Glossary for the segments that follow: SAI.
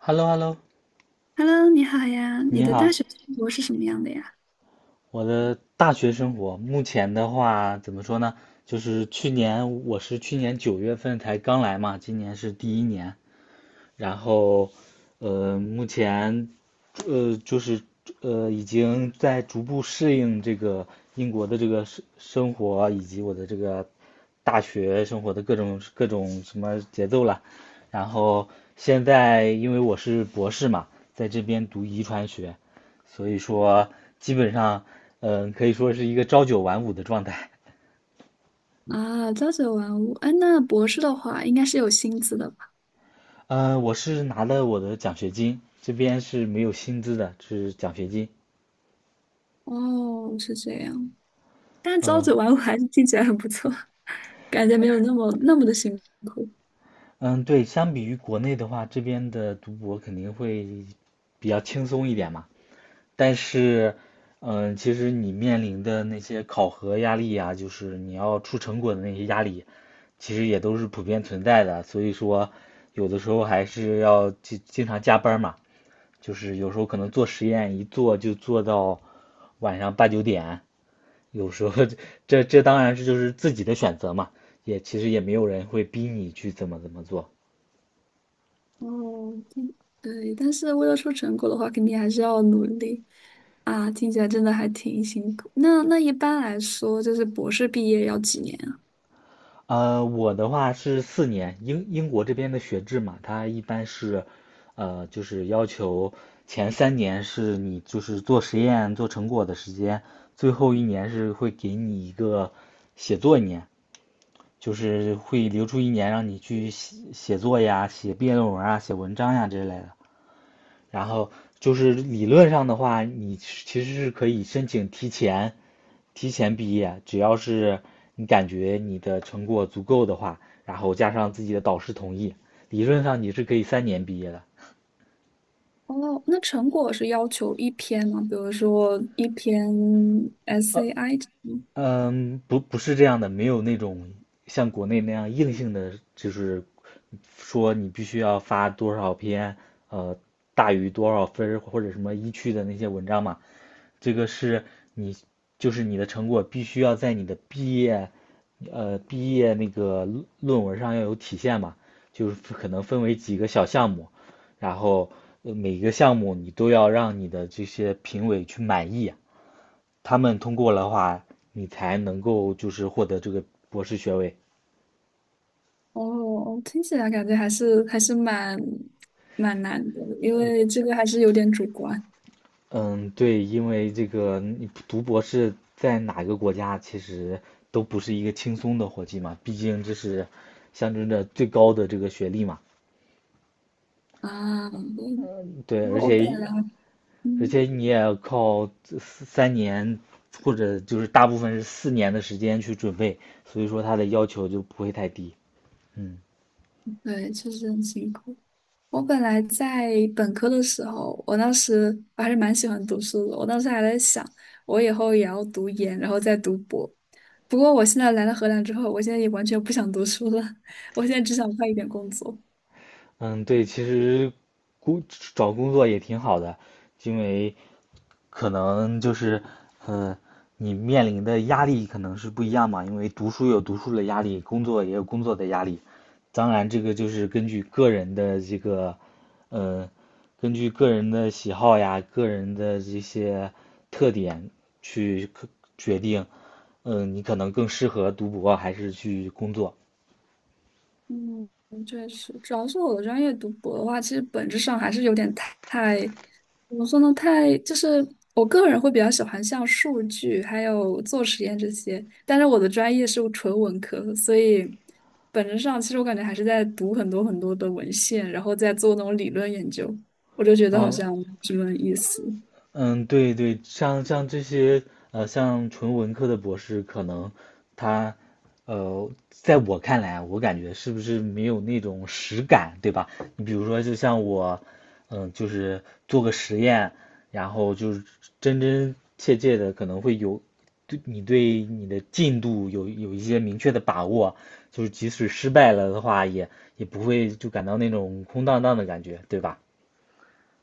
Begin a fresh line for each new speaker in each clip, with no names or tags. hello hello
Hello，你好呀，你
你
的大
好。
学生活是什么样的呀？
我的大学生活，目前的话怎么说呢？就是去年我是去年9月份才刚来嘛，今年是第一年。然后，目前，就是已经在逐步适应这个英国的这个生活，以及我的这个大学生活的各种什么节奏了。然后现在因为我是博士嘛，在这边读遗传学，所以说基本上，可以说是一个朝九晚五的状态。
啊，朝九晚五，哎，那博士的话应该是有薪资的吧？
嗯，我是拿了我的奖学金，这边是没有薪资的，是奖学金。
哦，是这样，但朝
嗯，
九晚五还是听起来很不错，感觉没有那么的辛苦。
嗯，对，相比于国内的话，这边的读博肯定会比较轻松一点嘛。但是，其实你面临的那些考核压力呀，就是你要出成果的那些压力，其实也都是普遍存在的。所以说，有的时候还是要经常加班嘛，就是有时候可能做实验一做就做到晚上8、9点，有时候 这当然是就是自己的选择嘛，也其实也没有人会逼你去怎么怎么做。
哦，对，但是为了出成果的话，肯定还是要努力啊。听起来真的还挺辛苦。那一般来说，就是博士毕业要几年啊？
我的话是四年，英国这边的学制嘛，它一般是，就是要求前3年是你就是做实验做成果的时间，最后一年是会给你一个写作一年，就是会留出一年让你去写写作呀、写毕业论文啊、写文章呀这类的。然后就是理论上的话，你其实是可以申请提前毕业，只要是你感觉你的成果足够的话，然后加上自己的导师同意，理论上你是可以3年毕业的。
哦，那成果是要求一篇吗？比如说一篇 SAI 这种。
嗯，不是这样的，没有那种像国内那样硬性的，就是说你必须要发多少篇，呃，大于多少分儿或者什么一区的那些文章嘛。这个是你就是你的成果必须要在你的毕业那个论文上要有体现嘛，就是可能分为几个小项目，然后每个项目你都要让你的这些评委去满意，他们通过的话，你才能够就是获得这个博士学位。
哦，听起来感觉还是蛮难的，因为这个还是有点主观
嗯，对，因为这个你读博士在哪个国家，其实都不是一个轻松的活计嘛，毕竟这是象征着最高的这个学历嘛。
啊。对。
对，而
我我本
且
来嗯
你也要靠这三年或者就是大部分是4年的时间去准备，所以说他的要求就不会太低。嗯，
对，确实很辛苦。我本来在本科的时候，我当时我还是蛮喜欢读书的，我当时还在想，我以后也要读研，然后再读博。不过我现在来了荷兰之后，我现在也完全不想读书了，我现在只想快一点工作。
嗯，对，其实工找工作也挺好的，因为可能就是，嗯，你面临的压力可能是不一样嘛，因为读书有读书的压力，工作也有工作的压力。当然，这个就是根据个人的这个，嗯，根据个人的喜好呀，个人的这些特点去决定，你可能更适合读博还是去工作。
嗯，确实，主要是我的专业读博的话，其实本质上还是有点太，怎么说呢？太就是我个人会比较喜欢像数据还有做实验这些，但是我的专业是纯文科，所以本质上其实我感觉还是在读很多很多的文献，然后再做那种理论研究，我就觉得好
嗯，
像没什么意思。
嗯，对对，像这些像纯文科的博士，可能他在我看来啊，我感觉是不是没有那种实感，对吧？你比如说，就像我，就是做个实验，然后就是真真切切的，可能会有对你的进度有一些明确的把握，就是即使失败了的话，也不会就感到那种空荡荡的感觉，对吧？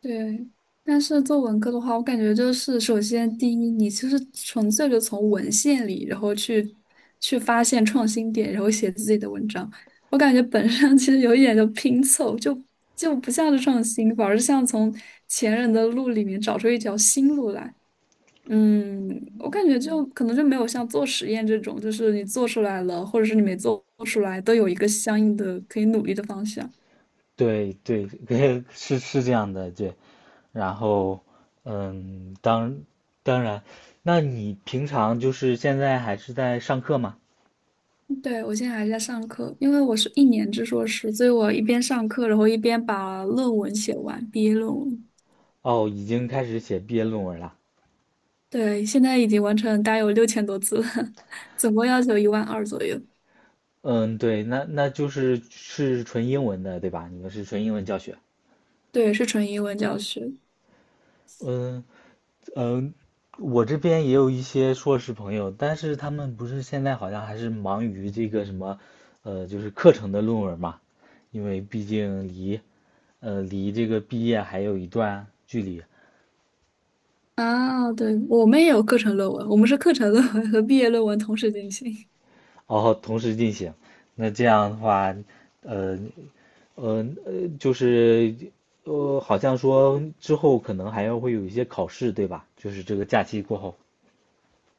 对，但是做文科的话，我感觉就是首先第一，你就是纯粹的从文献里，然后去发现创新点，然后写自己的文章。我感觉本身其实有一点就拼凑，就不像是创新，反而像从前人的路里面找出一条新路来。嗯，我感觉就可能就没有像做实验这种，就是你做出来了，或者是你没做出来，都有一个相应的可以努力的方向。
对对，是这样的，对。然后，嗯，当当然，那你平常就是现在还是在上课吗？
对，我现在还在上课，因为我是1年制硕士，所以我一边上课，然后一边把论文写完，毕业论文。
哦，已经开始写毕业论文了。
对，现在已经完成，大概有6000多字了，总共要求1.2万左右。
嗯，对，那那就是是纯英文的，对吧？你们是纯英文教学。
对，是纯英文教学。
嗯嗯，我这边也有一些硕士朋友，但是他们不是现在好像还是忙于这个什么，就是课程的论文嘛，因为毕竟离这个毕业还有一段距离。
啊，对，我们也有课程论文，我们是课程论文和毕业论文同时进行。
然后同时进行。那这样的话，呃，就是，好像说之后可能还要会有一些考试，对吧？就是这个假期过后，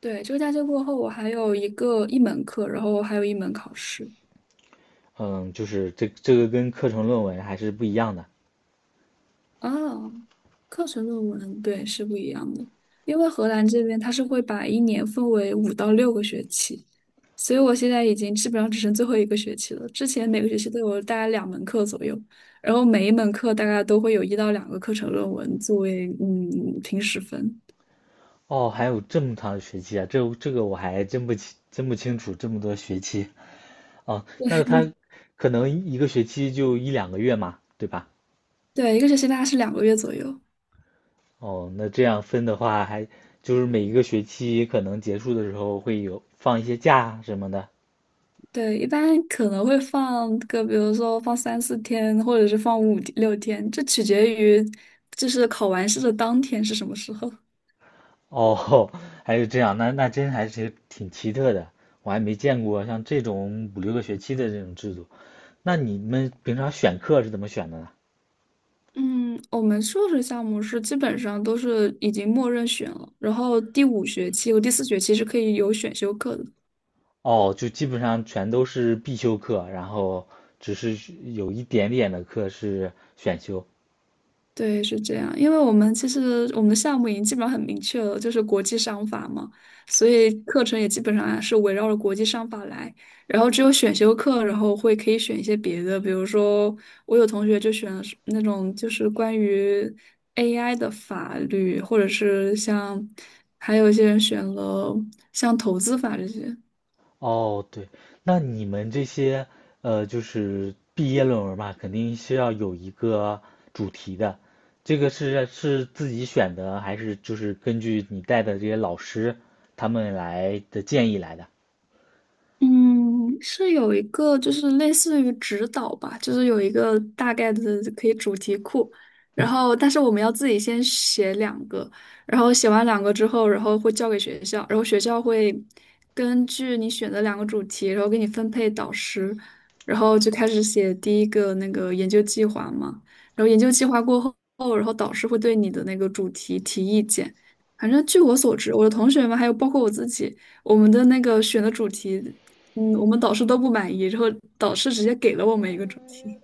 对，这个假期过后，我还有一门课，然后还有一门考试。
嗯，就是这个跟课程论文还是不一样的。
哦，课程论文，对，是不一样的。因为荷兰这边它是会把一年分为5到6个学期，所以我现在已经基本上只剩最后一个学期了。之前每个学期都有大概两门课左右，然后每一门课大概都会有一到两个课程论文作为平时分。
哦，还有这么长的学期啊，这个我还真不清楚这么多学期啊。那他可能一个学期就1、2个月嘛，对吧？
对，一个学期大概是2个月左右。
哦，那这样分的话，还就是每一个学期可能结束的时候会有放一些假什么的。
对，一般可能会放个，比如说放3、4天，或者是放5、6天，这取决于就是考完试的当天是什么时候。
哦，还是这样，那真还是挺奇特的，我还没见过像这种5、6个学期的这种制度。那你们平常选课是怎么选的呢？
嗯，我们硕士项目是基本上都是已经默认选了，然后第五学期和第四学期是可以有选修课的。
哦，就基本上全都是必修课，然后只是有一点点的课是选修。
对，是这样，因为其实我们的项目已经基本上很明确了，就是国际商法嘛，所以课程也基本上啊是围绕着国际商法来。然后只有选修课，然后会可以选一些别的，比如说我有同学就选了是那种就是关于 AI 的法律，或者是像还有一些人选了像投资法这些。
哦，对，那你们这些就是毕业论文嘛，肯定是要有一个主题的。这个是是自己选的，还是就是根据你带的这些老师他们来的建议来的？
嗯，是有一个就是类似于指导吧，就是有一个大概的可以主题库，然后但是我们要自己先写两个，然后写完两个之后，然后会交给学校，然后学校会根据你选的两个主题，然后给你分配导师，然后就开始写第一个那个研究计划嘛，然后研究计划过后，然后导师会对你的那个主题提意见，反正据我所知，我的同学们还有包括我自己。我们的那个选的主题我们导师都不满意，然后导师直接给了我们一个主题。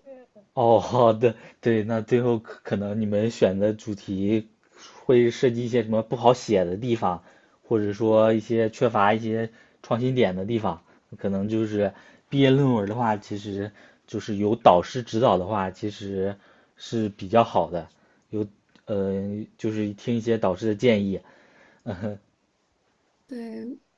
哦，好的，对，那最后可能你们选的主题会涉及一些什么不好写的地方，或者说一些缺乏一些创新点的地方，可能就是毕业论文的话，其实就是有导师指导的话，其实是比较好的，有呃，就是听一些导师的建议，
对，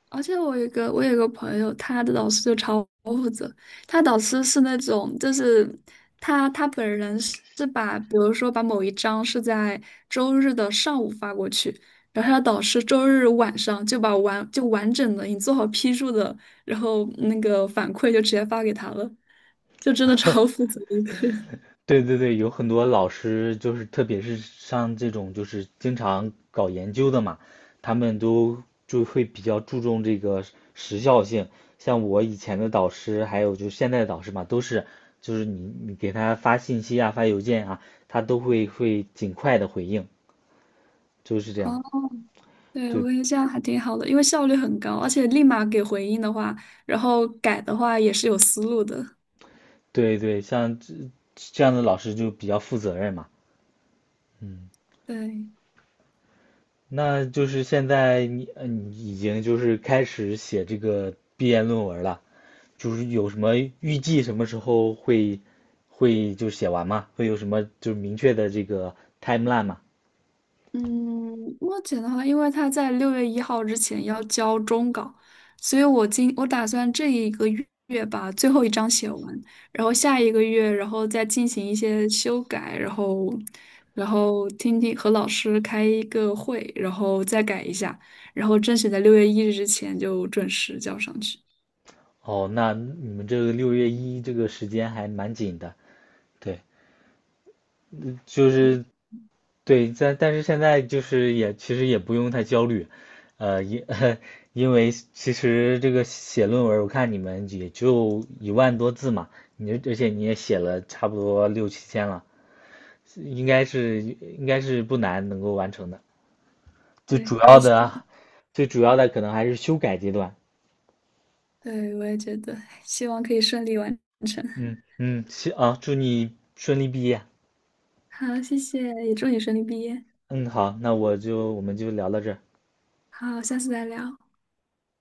而且我有一个朋友，他的导师就超负责。他导师是那种，就是他本人是把，比如说把某一章是在周日的上午发过去，然后他的导师周日晚上就完整的你做好批注的，然后那个反馈就直接发给他了，就真的超负责的一个人。
对对对，有很多老师就是，特别是像这种就是经常搞研究的嘛，他们都就会比较注重这个时效性。像我以前的导师，还有就是现在的导师嘛，都是就是你给他发信息啊，发邮件啊，他都会尽快的回应，就是这样。
对，我
对
感觉得这样还挺好的，因为效率很高，而且立马给回应的话，然后改的话也是有思路的。
对对，像这样的老师就比较负责任嘛。嗯，
对，
那就是现在你你已经就是开始写这个毕业论文了。就是有什么预计什么时候会就写完吗？会有什么就是明确的这个 timeline 吗？
嗯，目前的话，因为他在6月1号之前要交终稿，所以我打算这一个月把最后一章写完，然后下一个月，然后再进行一些修改，然后和老师开一个会，然后再改一下，然后争取在6月1日之前就准时交上去。
哦，那你们这个6月1这个时间还蛮紧的，对，就是对，但是现在就是也其实也不用太焦虑，因 因为其实这个写论文，我看你们也就1万多字嘛，而且你也写了差不多六七千了，应该是不难能够完成的。最主
对，我
要
也是。
的啊，最主要的可能还是修改阶段。
对，我也觉得，希望可以顺利完成。
嗯嗯，行啊，祝你顺利毕业。
好，谢谢，也祝你顺利毕业。
嗯，好，那我们就聊到这儿。
好，下次再聊。